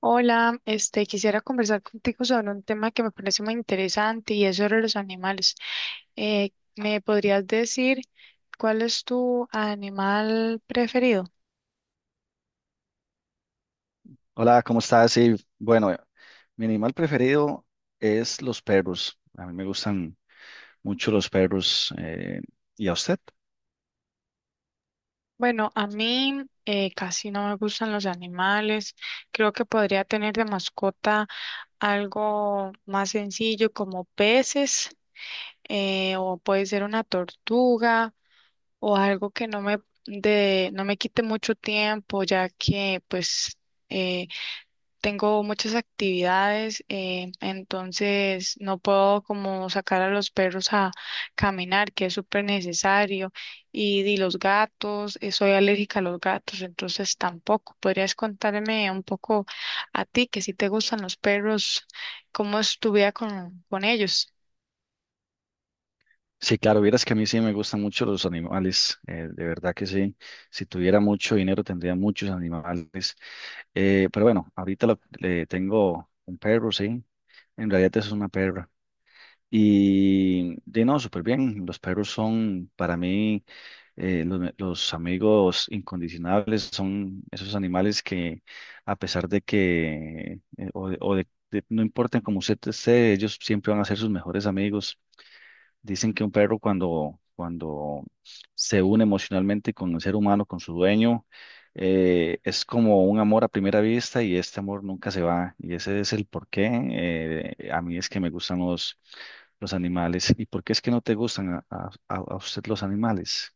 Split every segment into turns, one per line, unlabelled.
Hola, este, quisiera conversar contigo sobre un tema que me parece muy interesante y es sobre los animales. Eh, ¿Me podrías decir cuál es tu animal preferido?
Hola, ¿cómo estás? Sí, bueno, mi animal preferido es los perros. A mí me gustan mucho los perros. ¿Y a usted?
Bueno, a mí casi no me gustan los animales. Creo que podría tener de mascota algo más sencillo como peces, o puede ser una tortuga o algo que no no me quite mucho tiempo ya que pues... eh, tengo muchas actividades, entonces no puedo como sacar a los perros a caminar, que es súper necesario, di los gatos, soy alérgica a los gatos, entonces tampoco. ¿Podrías contarme un poco a ti, que si te gustan los perros, cómo es tu vida con ellos?
Sí, claro, vieras que a mí sí me gustan mucho los animales. De verdad que sí. Si tuviera mucho dinero tendría muchos animales. Pero bueno, ahorita le tengo un perro, sí. En realidad es una perra. Y de no, súper bien. Los perros son para mí los amigos incondicionables, son esos animales que a pesar de que no importan cómo usted esté, ellos siempre van a ser sus mejores amigos. Dicen que un perro cuando se une emocionalmente con el ser humano, con su dueño, es como un amor a primera vista y este amor nunca se va. Y ese es el porqué. A mí es que me gustan los animales. ¿Y por qué es que no te gustan a usted los animales?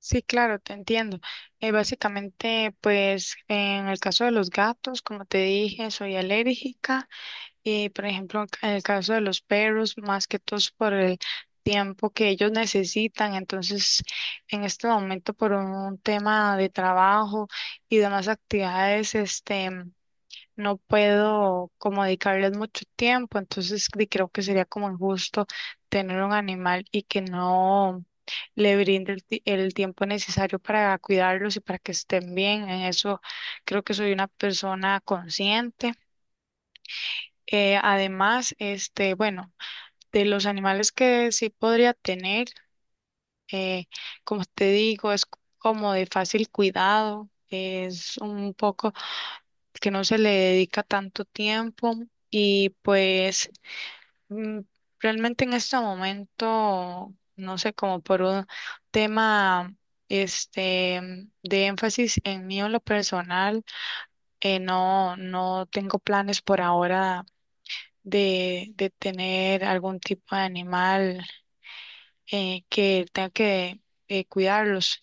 Sí, claro, te entiendo. Básicamente, pues en el caso de los gatos, como te dije, soy alérgica. Y por ejemplo, en el caso de los perros, más que todos por el tiempo que ellos necesitan, entonces en este momento por un tema de trabajo y demás actividades, este, no puedo como dedicarles mucho tiempo, entonces creo que sería como injusto tener un animal y que no le brinde el tiempo necesario para cuidarlos y para que estén bien. En eso creo que soy una persona consciente. Además, este, bueno, de los animales que sí podría tener, eh, como te digo, es como de fácil cuidado, es un poco que no se le dedica tanto tiempo y pues mm, realmente en este momento, no sé, como por un tema este de énfasis en mí o en lo personal, no tengo planes por ahora de tener algún tipo de animal que tenga que cuidarlos.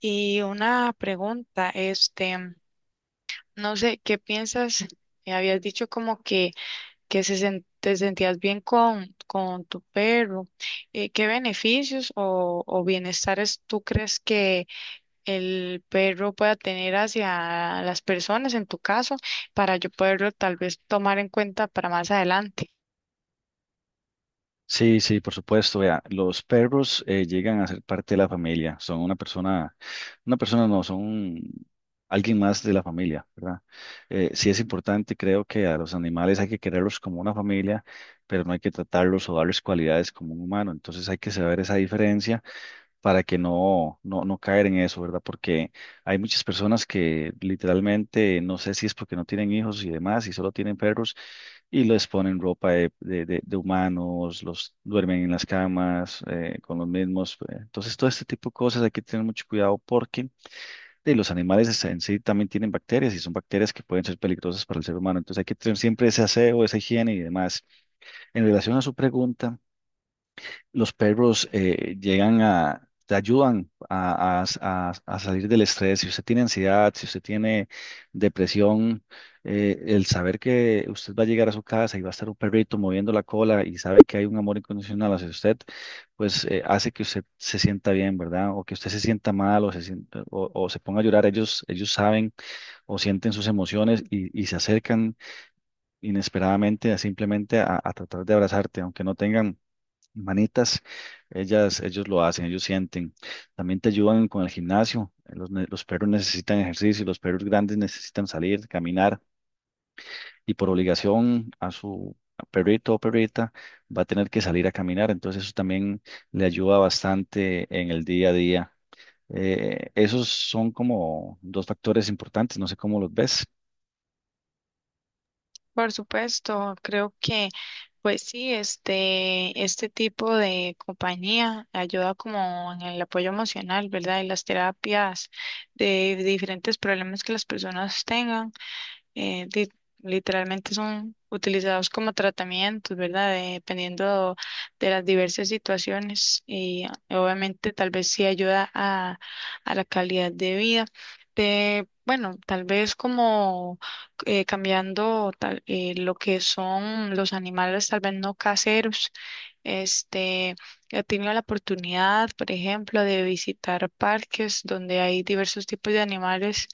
Y una pregunta, este, no sé, ¿qué piensas? Habías dicho como que te sentías bien con tu perro. ¿Qué beneficios o bienestares tú crees que el perro pueda tener hacia las personas, en tu caso, para yo poderlo tal vez tomar en cuenta para más adelante?
Sí, sí, por supuesto. Vea, los perros llegan a ser parte de la familia. Son una persona no, son alguien más de la familia, ¿verdad? Sí es importante, creo que a los animales hay que quererlos como una familia, pero no hay que tratarlos o darles cualidades como un humano. Entonces hay que saber esa diferencia para que no caer en eso, ¿verdad? Porque hay muchas personas que literalmente, no sé si es porque no tienen hijos y demás, y solo tienen perros y les ponen ropa de humanos, los duermen en las camas con los mismos. Entonces, todo este tipo de cosas hay que tener mucho cuidado porque de los animales en sí también tienen bacterias y son bacterias que pueden ser peligrosas para el ser humano. Entonces, hay que tener siempre ese aseo, esa higiene y demás. En relación a su pregunta, los perros llegan a, te ayudan a salir del estrés. Si usted tiene ansiedad, si usted tiene depresión, el saber que usted va a llegar a su casa y va a estar un perrito moviendo la cola y sabe que hay un amor incondicional hacia usted, pues hace que usted se sienta bien, ¿verdad? O que usted se sienta mal, o se ponga a llorar. Ellos saben o sienten sus emociones y se acercan inesperadamente a simplemente a tratar de abrazarte, aunque no tengan manitas, ellas, ellos lo hacen, ellos sienten. También te ayudan con el gimnasio. Los perros necesitan ejercicio, los perros grandes necesitan salir, caminar y por obligación a su perrito o perrita va a tener que salir a caminar. Entonces eso también le ayuda bastante en el día a día. Esos son como dos factores importantes, no sé cómo los ves.
Por supuesto, creo que pues sí, este tipo de compañía ayuda como en el apoyo emocional, ¿verdad? Y las terapias de diferentes problemas que las personas tengan eh, di- literalmente son utilizados como tratamientos, ¿verdad? Dependiendo de las diversas situaciones y obviamente tal vez sí ayuda a la calidad de vida. Bueno, tal vez como cambiando lo que son los animales, tal vez no caseros. Este, he tenido la oportunidad, por ejemplo, de visitar parques donde hay diversos tipos de animales,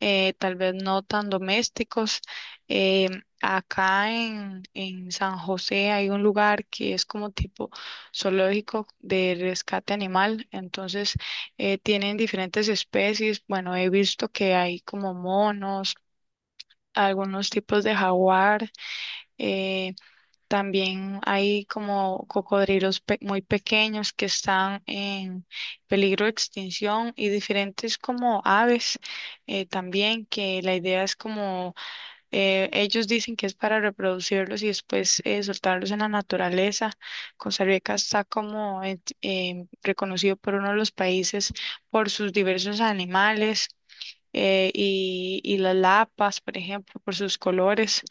tal vez no tan domésticos. Eh, Acá en San José hay un lugar que es como tipo zoológico de rescate animal, entonces tienen diferentes especies. Bueno, he visto que hay como monos, algunos tipos de jaguar. eh, También hay como cocodrilos muy pequeños que están en peligro de extinción y diferentes como aves también, que la idea es como ellos dicen que es para reproducirlos y después soltarlos en la naturaleza. Costa Rica está como reconocido por uno de los países por sus diversos animales, y las lapas, por ejemplo, por sus colores.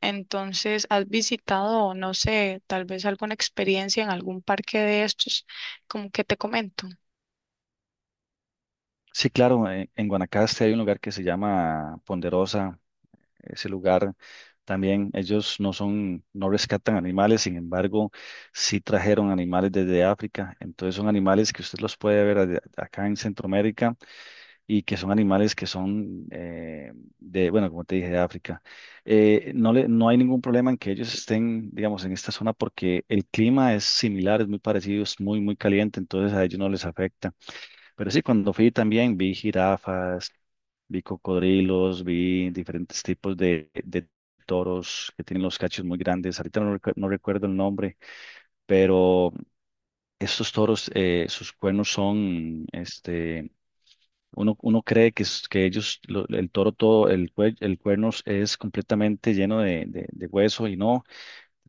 Entonces, ¿has visitado, no sé, tal vez alguna experiencia en algún parque de estos, como que te comento?
Sí, claro, en Guanacaste hay un lugar que se llama Ponderosa, ese lugar también. Ellos no son, no rescatan animales, sin embargo, sí trajeron animales desde África. Entonces son animales que usted los puede ver acá en Centroamérica y que son animales que son bueno, como te dije, de África. No hay ningún problema en que ellos estén, digamos, en esta zona porque el clima es similar, es muy parecido, es muy, muy caliente, entonces a ellos no les afecta. Pero sí, cuando fui también vi jirafas, vi cocodrilos, vi diferentes tipos de toros que tienen los cachos muy grandes. Ahorita no, no recuerdo el nombre, pero estos toros, sus cuernos son, este, uno cree que, que ellos, el toro todo, el cuerno es completamente lleno de, de hueso y no,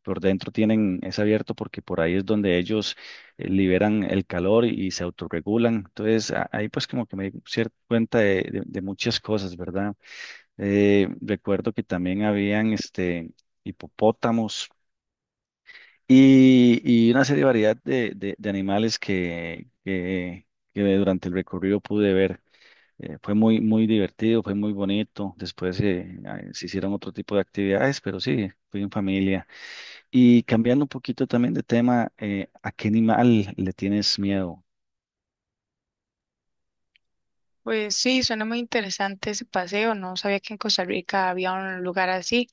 por dentro tienen, es abierto porque por ahí es donde ellos liberan el calor y se autorregulan. Entonces, ahí pues como que me di cuenta de de muchas cosas, ¿verdad? Recuerdo que también habían este, hipopótamos y una serie de variedad de, de animales que durante el recorrido pude ver. Fue muy, muy divertido, fue muy bonito. Después se hicieron otro tipo de actividades, pero sí, fui en familia. Y cambiando un poquito también de tema, ¿a qué animal le tienes miedo?
Pues sí, suena muy interesante ese paseo. No sabía que en Costa Rica había un lugar así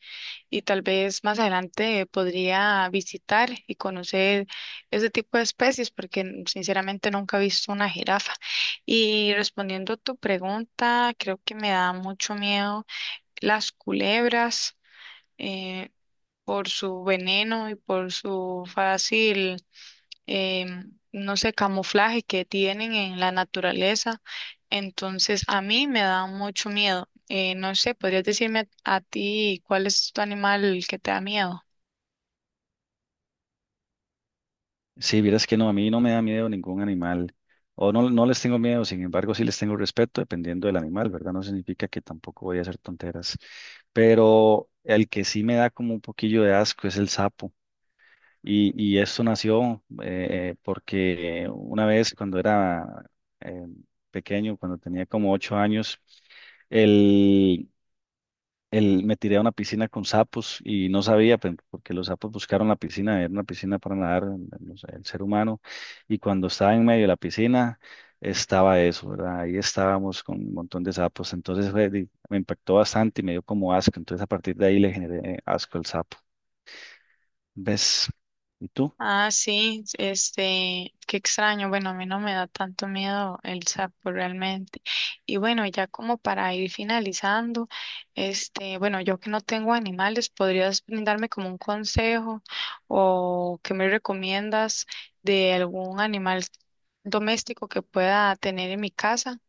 y tal vez más adelante podría visitar y conocer ese tipo de especies, porque sinceramente nunca he visto una jirafa. Y respondiendo a tu pregunta, creo que me da mucho miedo las culebras, eh, por su veneno y por su fácil, no sé, camuflaje que tienen en la naturaleza. Entonces, a mí me da mucho miedo. No sé, ¿podrías decirme a ti cuál es tu animal que te da miedo?
Sí, vieras que no, a mí no me da miedo ningún animal, o no, no les tengo miedo, sin embargo, sí les tengo respeto dependiendo del animal, ¿verdad? No significa que tampoco voy a hacer tonteras, pero el que sí me da como un poquillo de asco es el sapo, y esto nació porque una vez cuando era eh, pequeño, cuando tenía como 8 años, el, me tiré a una piscina con sapos y no sabía, porque los sapos buscaron la piscina, era una piscina para nadar, no sé, el ser humano, y cuando estaba en medio de la piscina, estaba eso, ¿verdad? Ahí estábamos con un montón de sapos, entonces fue me impactó bastante y me dio como asco, entonces a partir de ahí le generé asco al sapo. ¿Ves? ¿Y tú?
Ah, sí, este, qué extraño. Bueno, a mí no me da tanto miedo el sapo realmente. Y bueno, ya como para ir finalizando, este, bueno, yo que no tengo animales, ¿podrías brindarme como un consejo o qué me recomiendas de algún animal doméstico que pueda tener en mi casa?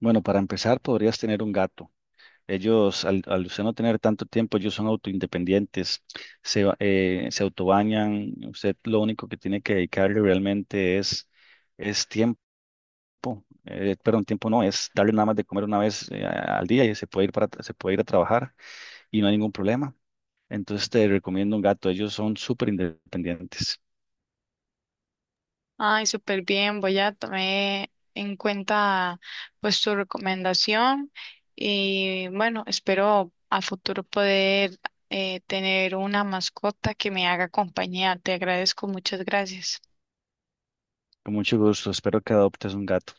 Bueno, para empezar, podrías tener un gato. Ellos, al usted no tener tanto tiempo, ellos son autoindependientes, se autobañan, usted lo único que tiene que dedicarle realmente es tiempo, perdón, tiempo no, es darle nada más de comer una vez al día y se puede ir se puede ir a trabajar y no hay ningún problema. Entonces te recomiendo un gato, ellos son súper independientes.
Ay, súper bien, voy a tomar en cuenta pues tu recomendación y bueno, espero a futuro poder tener una mascota que me haga compañía. Te agradezco, muchas gracias.
Con mucho gusto, espero que adoptes un gato.